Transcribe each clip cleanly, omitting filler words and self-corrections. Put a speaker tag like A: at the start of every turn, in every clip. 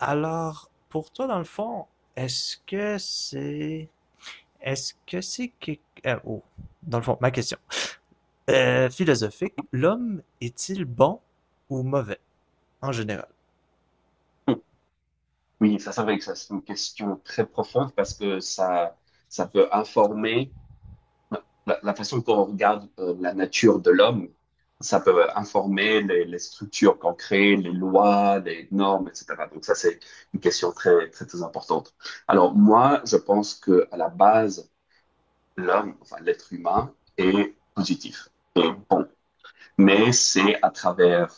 A: Alors, pour toi, dans le fond, est-ce que c'est... Est-ce que c'est... que- oh, dans le fond, ma question. Philosophique, l'homme est-il bon ou mauvais, en général?
B: Oui, ça c'est vrai que ça c'est une question très profonde parce que ça peut informer la façon qu'on regarde la nature de l'homme. Ça peut informer les structures qu'on crée, les lois, les normes, etc. Donc ça c'est une question très, très, très importante. Alors moi, je pense que à la base, l'homme, enfin l'être humain, est positif, mais c'est à travers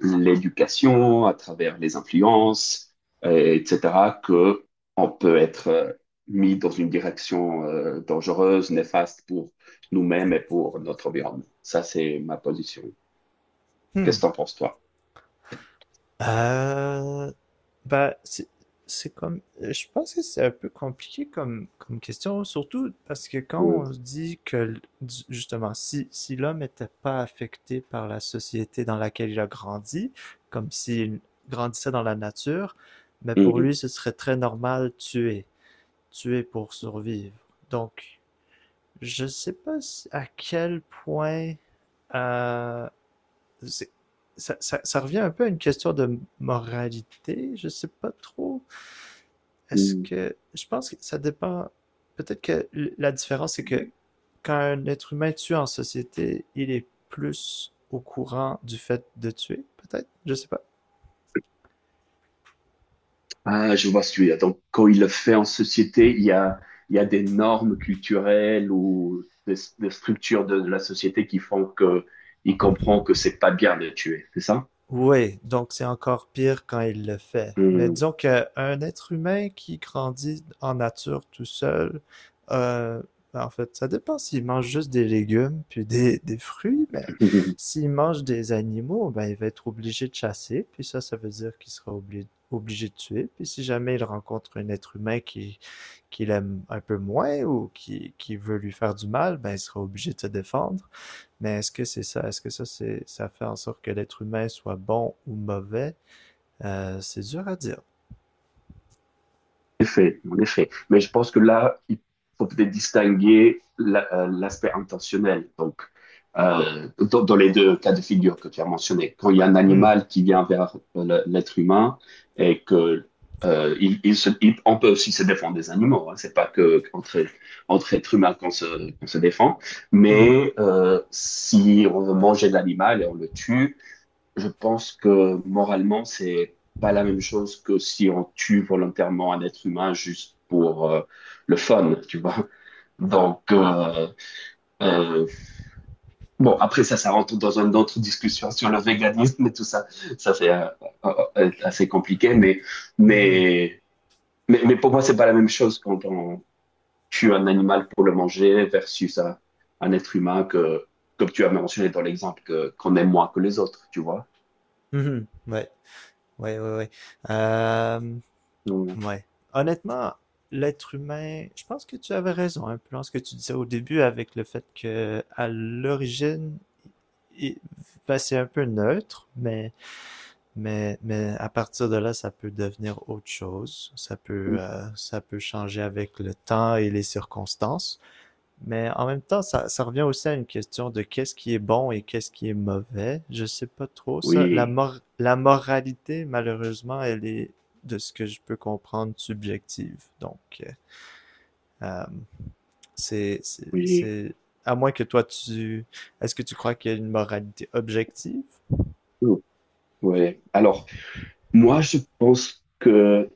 B: l'éducation, à travers les influences, etc., que on peut être mis dans une direction dangereuse, néfaste pour nous-mêmes et pour notre environnement. Ça, c'est ma position.
A: Hmm.
B: Qu'est-ce que t'en penses, toi?
A: Euh, Bah, c'est comme, je pense que c'est un peu compliqué comme question, surtout parce que quand
B: Ouais.
A: on se dit que, justement, si l'homme n'était pas affecté par la société dans laquelle il a grandi, comme s'il grandissait dans la nature, mais pour
B: Mhm.
A: lui, ce serait très normal tuer, tuer pour survivre. Donc, je sais pas à quel point, euh, ça revient un peu à une question de moralité, je sais pas trop. Est-ce
B: Mhm.
A: que je pense que ça dépend. Peut-être que la différence c'est que quand un être humain tue en société, il est plus au courant du fait de tuer, peut-être. Je sais pas.
B: Ah, je vois celui-là. Donc, quand il le fait en société, il y a des normes culturelles ou des structures de la société qui font que il comprend que c'est pas bien de tuer, c'est ça?
A: Oui, donc c'est encore pire quand il le fait. Mais disons qu'un être humain qui grandit en nature tout seul, euh, en fait, ça dépend s'il mange juste des légumes puis des fruits, mais
B: Mhm.
A: s'il mange des animaux, ben il va être obligé de chasser, puis ça veut dire qu'il sera obligé de tuer, puis si jamais il rencontre un être humain qui l'aime un peu moins ou qui veut lui faire du mal, ben il sera obligé de se défendre. Mais est-ce que c'est ça? Est-ce que ça, ça fait en sorte que l'être humain soit bon ou mauvais? C'est dur à dire.
B: En effet, en effet. Mais je pense que là, il faut peut-être distinguer l'aspect intentionnel. Donc, dans les deux cas de figure que tu as mentionnés, quand il y a un
A: Hmm.
B: animal qui vient vers l'être humain et que on peut aussi se défendre des animaux. Hein, c'est pas que entre êtres humains qu'on se défend.
A: Mhm.
B: Mais si on veut manger l'animal et on le tue. Je pense que moralement, c'est pas la même chose que si on tue volontairement un être humain juste pour le fun, tu vois. Donc, euh, bon, après ça, ça rentre dans une autre discussion sur le véganisme et tout ça. Ça, c'est assez compliqué,
A: Mhm.
B: mais, mais pour moi, c'est pas la même chose quand on tue un animal pour le manger versus un être humain que, comme tu as mentionné dans l'exemple, qu'on aime moins que les autres, tu vois.
A: Mhm. Ouais. Ouais, ouais, ouais. Euh,
B: Donc,
A: ouais. Honnêtement, l'être humain, je pense que tu avais raison un peu dans ce que tu disais au début avec le fait que à l'origine, il- ben, c'est un peu neutre, mais à partir de là, ça peut devenir autre chose. Ça peut changer avec le temps et les circonstances. Mais en même temps, ça revient aussi à une question de qu'est-ce qui est bon et qu'est-ce qui est mauvais. Je sais pas trop ça. La,
B: oui,
A: mor- la moralité, malheureusement, elle est, de ce que je peux comprendre, subjective. Donc, euh, euh, c'est, c'est,
B: oui.
A: c'est, à moins que est-ce que tu crois qu'il y a une moralité objective?
B: Oh, ouais. Alors, moi, je pense que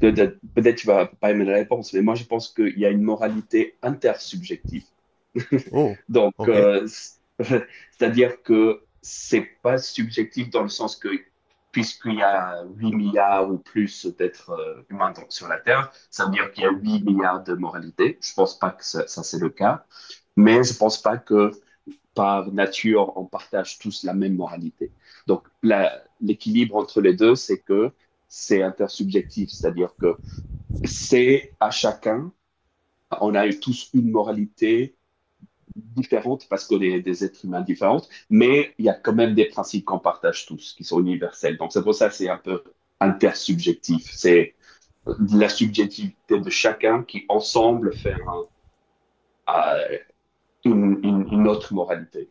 B: peut-être peut-être tu vas pas aimer la réponse, mais moi, je pense qu'il y a une moralité intersubjective.
A: Oh,
B: Donc,
A: ok.
B: c'est-à-dire que c'est pas subjectif dans le sens que, puisqu'il y a 8 milliards ou plus d'êtres humains sur la Terre, ça veut dire qu'il y a 8 milliards de moralités. Je pense pas que ça, c'est le cas, mais je pense pas que par nature, on partage tous la même moralité. Donc, l'équilibre entre les deux, c'est que c'est intersubjectif, c'est-à-dire que c'est à chacun, on a tous une moralité différente parce qu'on est des êtres humains différents, mais il y a quand même des principes qu'on partage tous, qui sont universels. Donc, c'est pour ça que c'est un peu intersubjectif. C'est la subjectivité de chacun qui, ensemble, fait une autre moralité.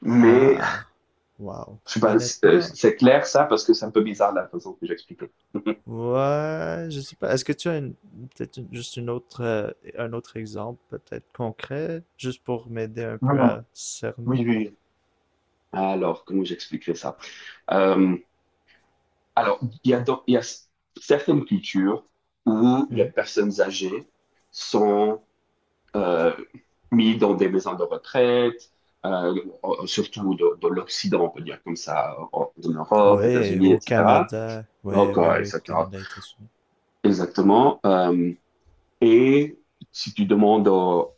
B: Mais
A: Ah, wow.
B: je sais pas,
A: Honnêtement,
B: c'est clair ça parce que c'est un peu bizarre la façon que j'explique.
A: ouais, je sais pas. Est-ce que tu as une, peut-être juste une autre, un autre exemple, peut-être concret, juste pour m'aider un
B: Non,
A: peu
B: non,
A: à
B: oui,
A: cerner?
B: oui, oui. Alors, comment j'expliquerai ça? Euh, alors, il y a, donc- il y a s- certaines cultures où les
A: Mhm.
B: personnes âgées sont euh, mises dans des maisons de retraite, euh, surtout de l'Occident, on peut dire comme ça, en Europe,
A: Ouais,
B: États-Unis,
A: au
B: etc.
A: Canada. Ouais, ouais,
B: Encore,
A: ouais,
B: etc.
A: Canada, États-Unis.
B: Exactement. Et si tu demandes aux,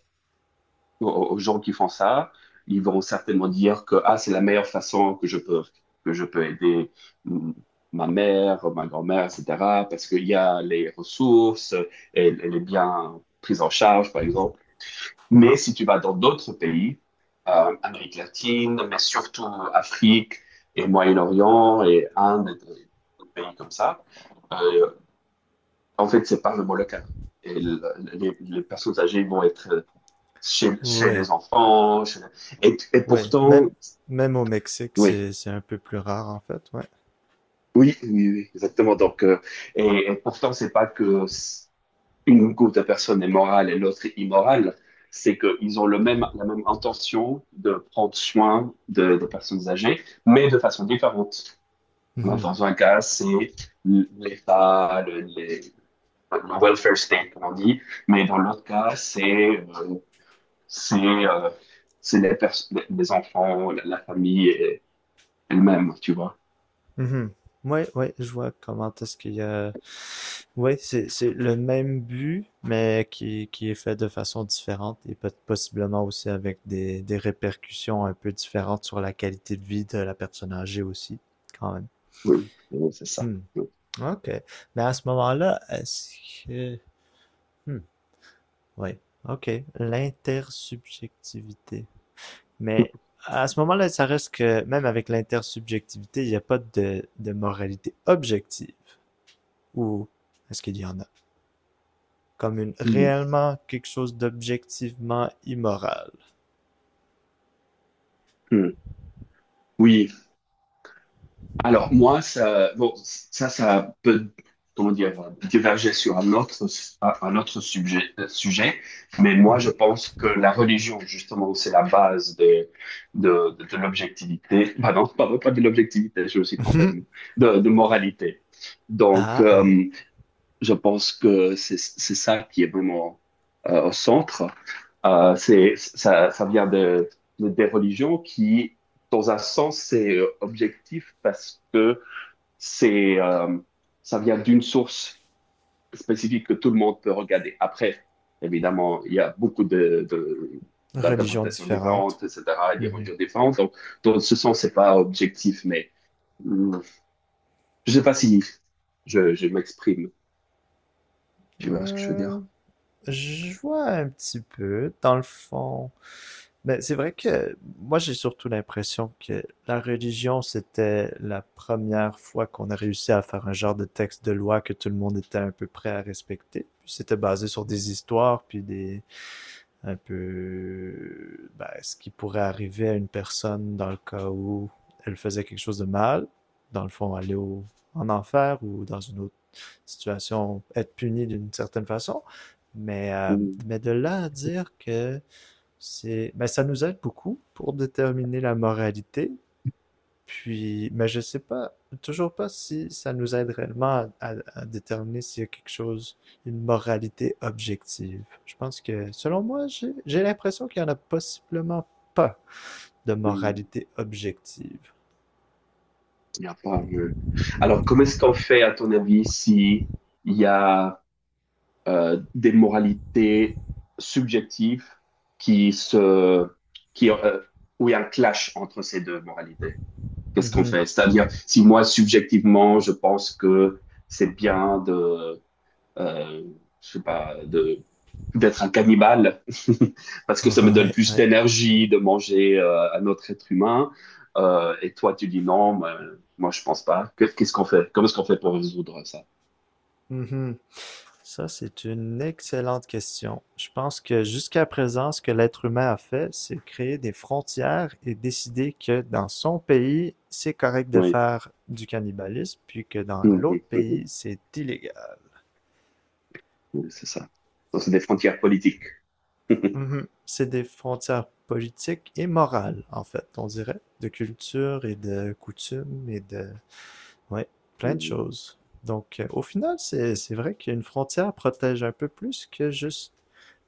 B: aux, aux gens qui font ça. Ils vont certainement dire que ah, c'est la meilleure façon que je peux aider mm, ma mère, ma grand-mère, etc. Parce qu'il y a les ressources, elle, elle est bien prise en charge, par exemple. Mais
A: Mhm.
B: si tu vas dans d'autres pays, Amérique latine, mais surtout Afrique et Moyen-Orient et Inde, et des pays comme ça, euh, en fait, c'est pas vraiment le cas. Et les personnes âgées vont être chez
A: Ouais,
B: les enfants. Et
A: ouais.
B: pourtant,
A: Même au Mexique,
B: oui,
A: c'est un peu plus rare, en fait, ouais.
B: oui, oui, oui, exactement. Donc, et pourtant, c'est pas que une groupe de personnes est morale et l'autre est immorale. C'est qu'ils ont la même intention de prendre soin de personnes âgées, mais de façon différente. Alors, dans un cas, c'est l'État, le welfare state, comme on dit, mais dans l'autre cas, c'est euh, c'est euh, c'est les, pers- les enfants, la famille, elle-même, tu vois.
A: Mhm. Ouais, ouais, je vois comment est-ce qu'il y a... Ouais, c'est le même but, mais qui est fait de façon différente et peut possiblement aussi avec des répercussions un peu différentes sur la qualité de vie de la personne âgée aussi, quand même.
B: Oui, oui, c'est ça.
A: Hmm. OK. Mais à ce moment-là, est-ce que... Hmm. Oui. OK. L'intersubjectivité.
B: Oui.
A: Mais à ce moment-là, ça reste que, même avec l'intersubjectivité, il n'y a pas de moralité objective. Ou est-ce qu'il y en a? Comme une
B: Hmm.
A: réellement quelque chose d'objectivement immoral.
B: Hmm. Oui. Alors, moi, ça, bon, ça peut, comment dire, diverger sur un autre sujet, mais moi, je
A: Mhm.
B: pense que la religion, justement, c'est la base de l'objectivité. Ah non, pardon, pas de l'objectivité, je me suis trompé de
A: Mhm.
B: mot. De moralité. Donc,
A: Ah, ouais.
B: je pense que c'est ça qui est vraiment au centre. Ça, ça vient des religions qui, dans un sens, c'est objectif parce que c'est, euh, ça vient d'une source spécifique que tout le monde peut regarder. Après, évidemment, il y a beaucoup
A: Religion
B: d'interprétations
A: différente.
B: différentes, etc., et des
A: Mhm.
B: religions différentes. Donc, dans ce sens, c'est pas objectif, mais mm, je sais pas si je m'exprime. Tu vois ce que je veux
A: Euh,
B: dire?
A: je vois un petit peu, dans le fond. Mais c'est vrai que moi, j'ai surtout l'impression que la religion, c'était la première fois qu'on a réussi à faire un genre de texte de loi que tout le monde était un peu prêt à respecter. Puis c'était basé sur des histoires, un peu ben, ce qui pourrait arriver à une personne dans le cas où elle faisait quelque chose de mal, dans le fond en enfer ou dans une autre situation, être puni d'une certaine façon. Mais, euh,
B: Mm,
A: mais de là à dire que ben, ça nous aide beaucoup pour déterminer la moralité, puis, mais je sais pas, toujours pas si ça nous aide réellement à déterminer s'il y a quelque chose, une moralité objective. Je pense que, selon moi, j'ai l'impression qu'il y en a possiblement pas de
B: mm,
A: moralité objective.
B: Il y a pas. Alors, comment est-ce qu'on fait, à ton avis, si il y a des moralités subjectives qui se, qui, euh, où il y a un clash entre ces deux moralités. Qu'est-ce qu'on
A: Mhm.
B: fait? C'est-à-dire, si moi, subjectivement, je pense que c'est bien euh, je sais pas, d'être un cannibale, parce que ça me donne
A: Ouais,
B: plus
A: ouais.
B: d'énergie de manger un autre être humain, et toi, tu dis non, moi, moi je pense pas. Qu'est-ce qu'on fait? Comment est-ce qu'on fait pour résoudre ça?
A: Mhm. Ça, c'est une excellente question. Je pense que jusqu'à présent, ce que l'être humain a fait, c'est créer des frontières et décider que dans son pays, c'est correct de
B: Oui.
A: faire du cannibalisme, puis que dans l'autre pays, c'est illégal.
B: Oui, c'est ça. Donc, c'est des frontières politiques.
A: Mhm. C'est des frontières politiques et morales, en fait, on dirait, de culture et de coutumes et de... Ouais, plein de choses. Donc, au final, c'est vrai qu'une frontière protège un peu plus que juste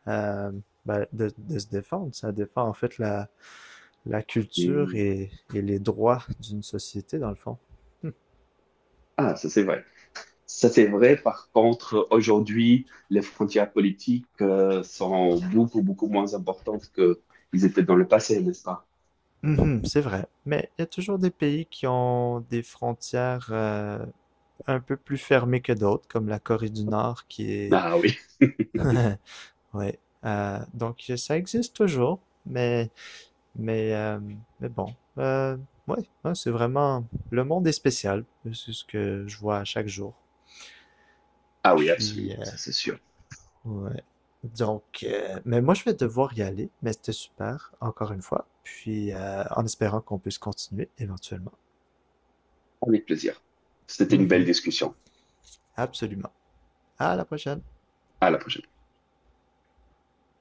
A: euh, ben, de se défendre. Ça défend en fait la culture
B: Mhm.
A: et les droits d'une société, dans le fond.
B: Ah, ça c'est vrai. Ça c'est vrai. Par contre, aujourd'hui, les frontières politiques sont beaucoup, beaucoup moins importantes que ils étaient dans le passé, n'est-ce pas?
A: Mhm, c'est vrai. Mais il y a toujours des pays qui ont des frontières un peu plus fermées que d'autres, comme la Corée du Nord qui est...
B: Ah oui,
A: ouais. Donc ça existe toujours, mais mais euh, mais bon. Ouais, hein, c'est vraiment le monde est spécial. C'est ce que je vois à chaque jour.
B: ah oui,
A: Puis
B: absolument. Ça c'est sûr.
A: ouais. Donc, mais moi, je vais devoir y aller, mais c'était super, encore une fois. Puis, en espérant qu'on puisse continuer éventuellement.
B: Avec plaisir. C'était une belle
A: Mhm.
B: discussion.
A: Absolument. À la prochaine.
B: À la prochaine.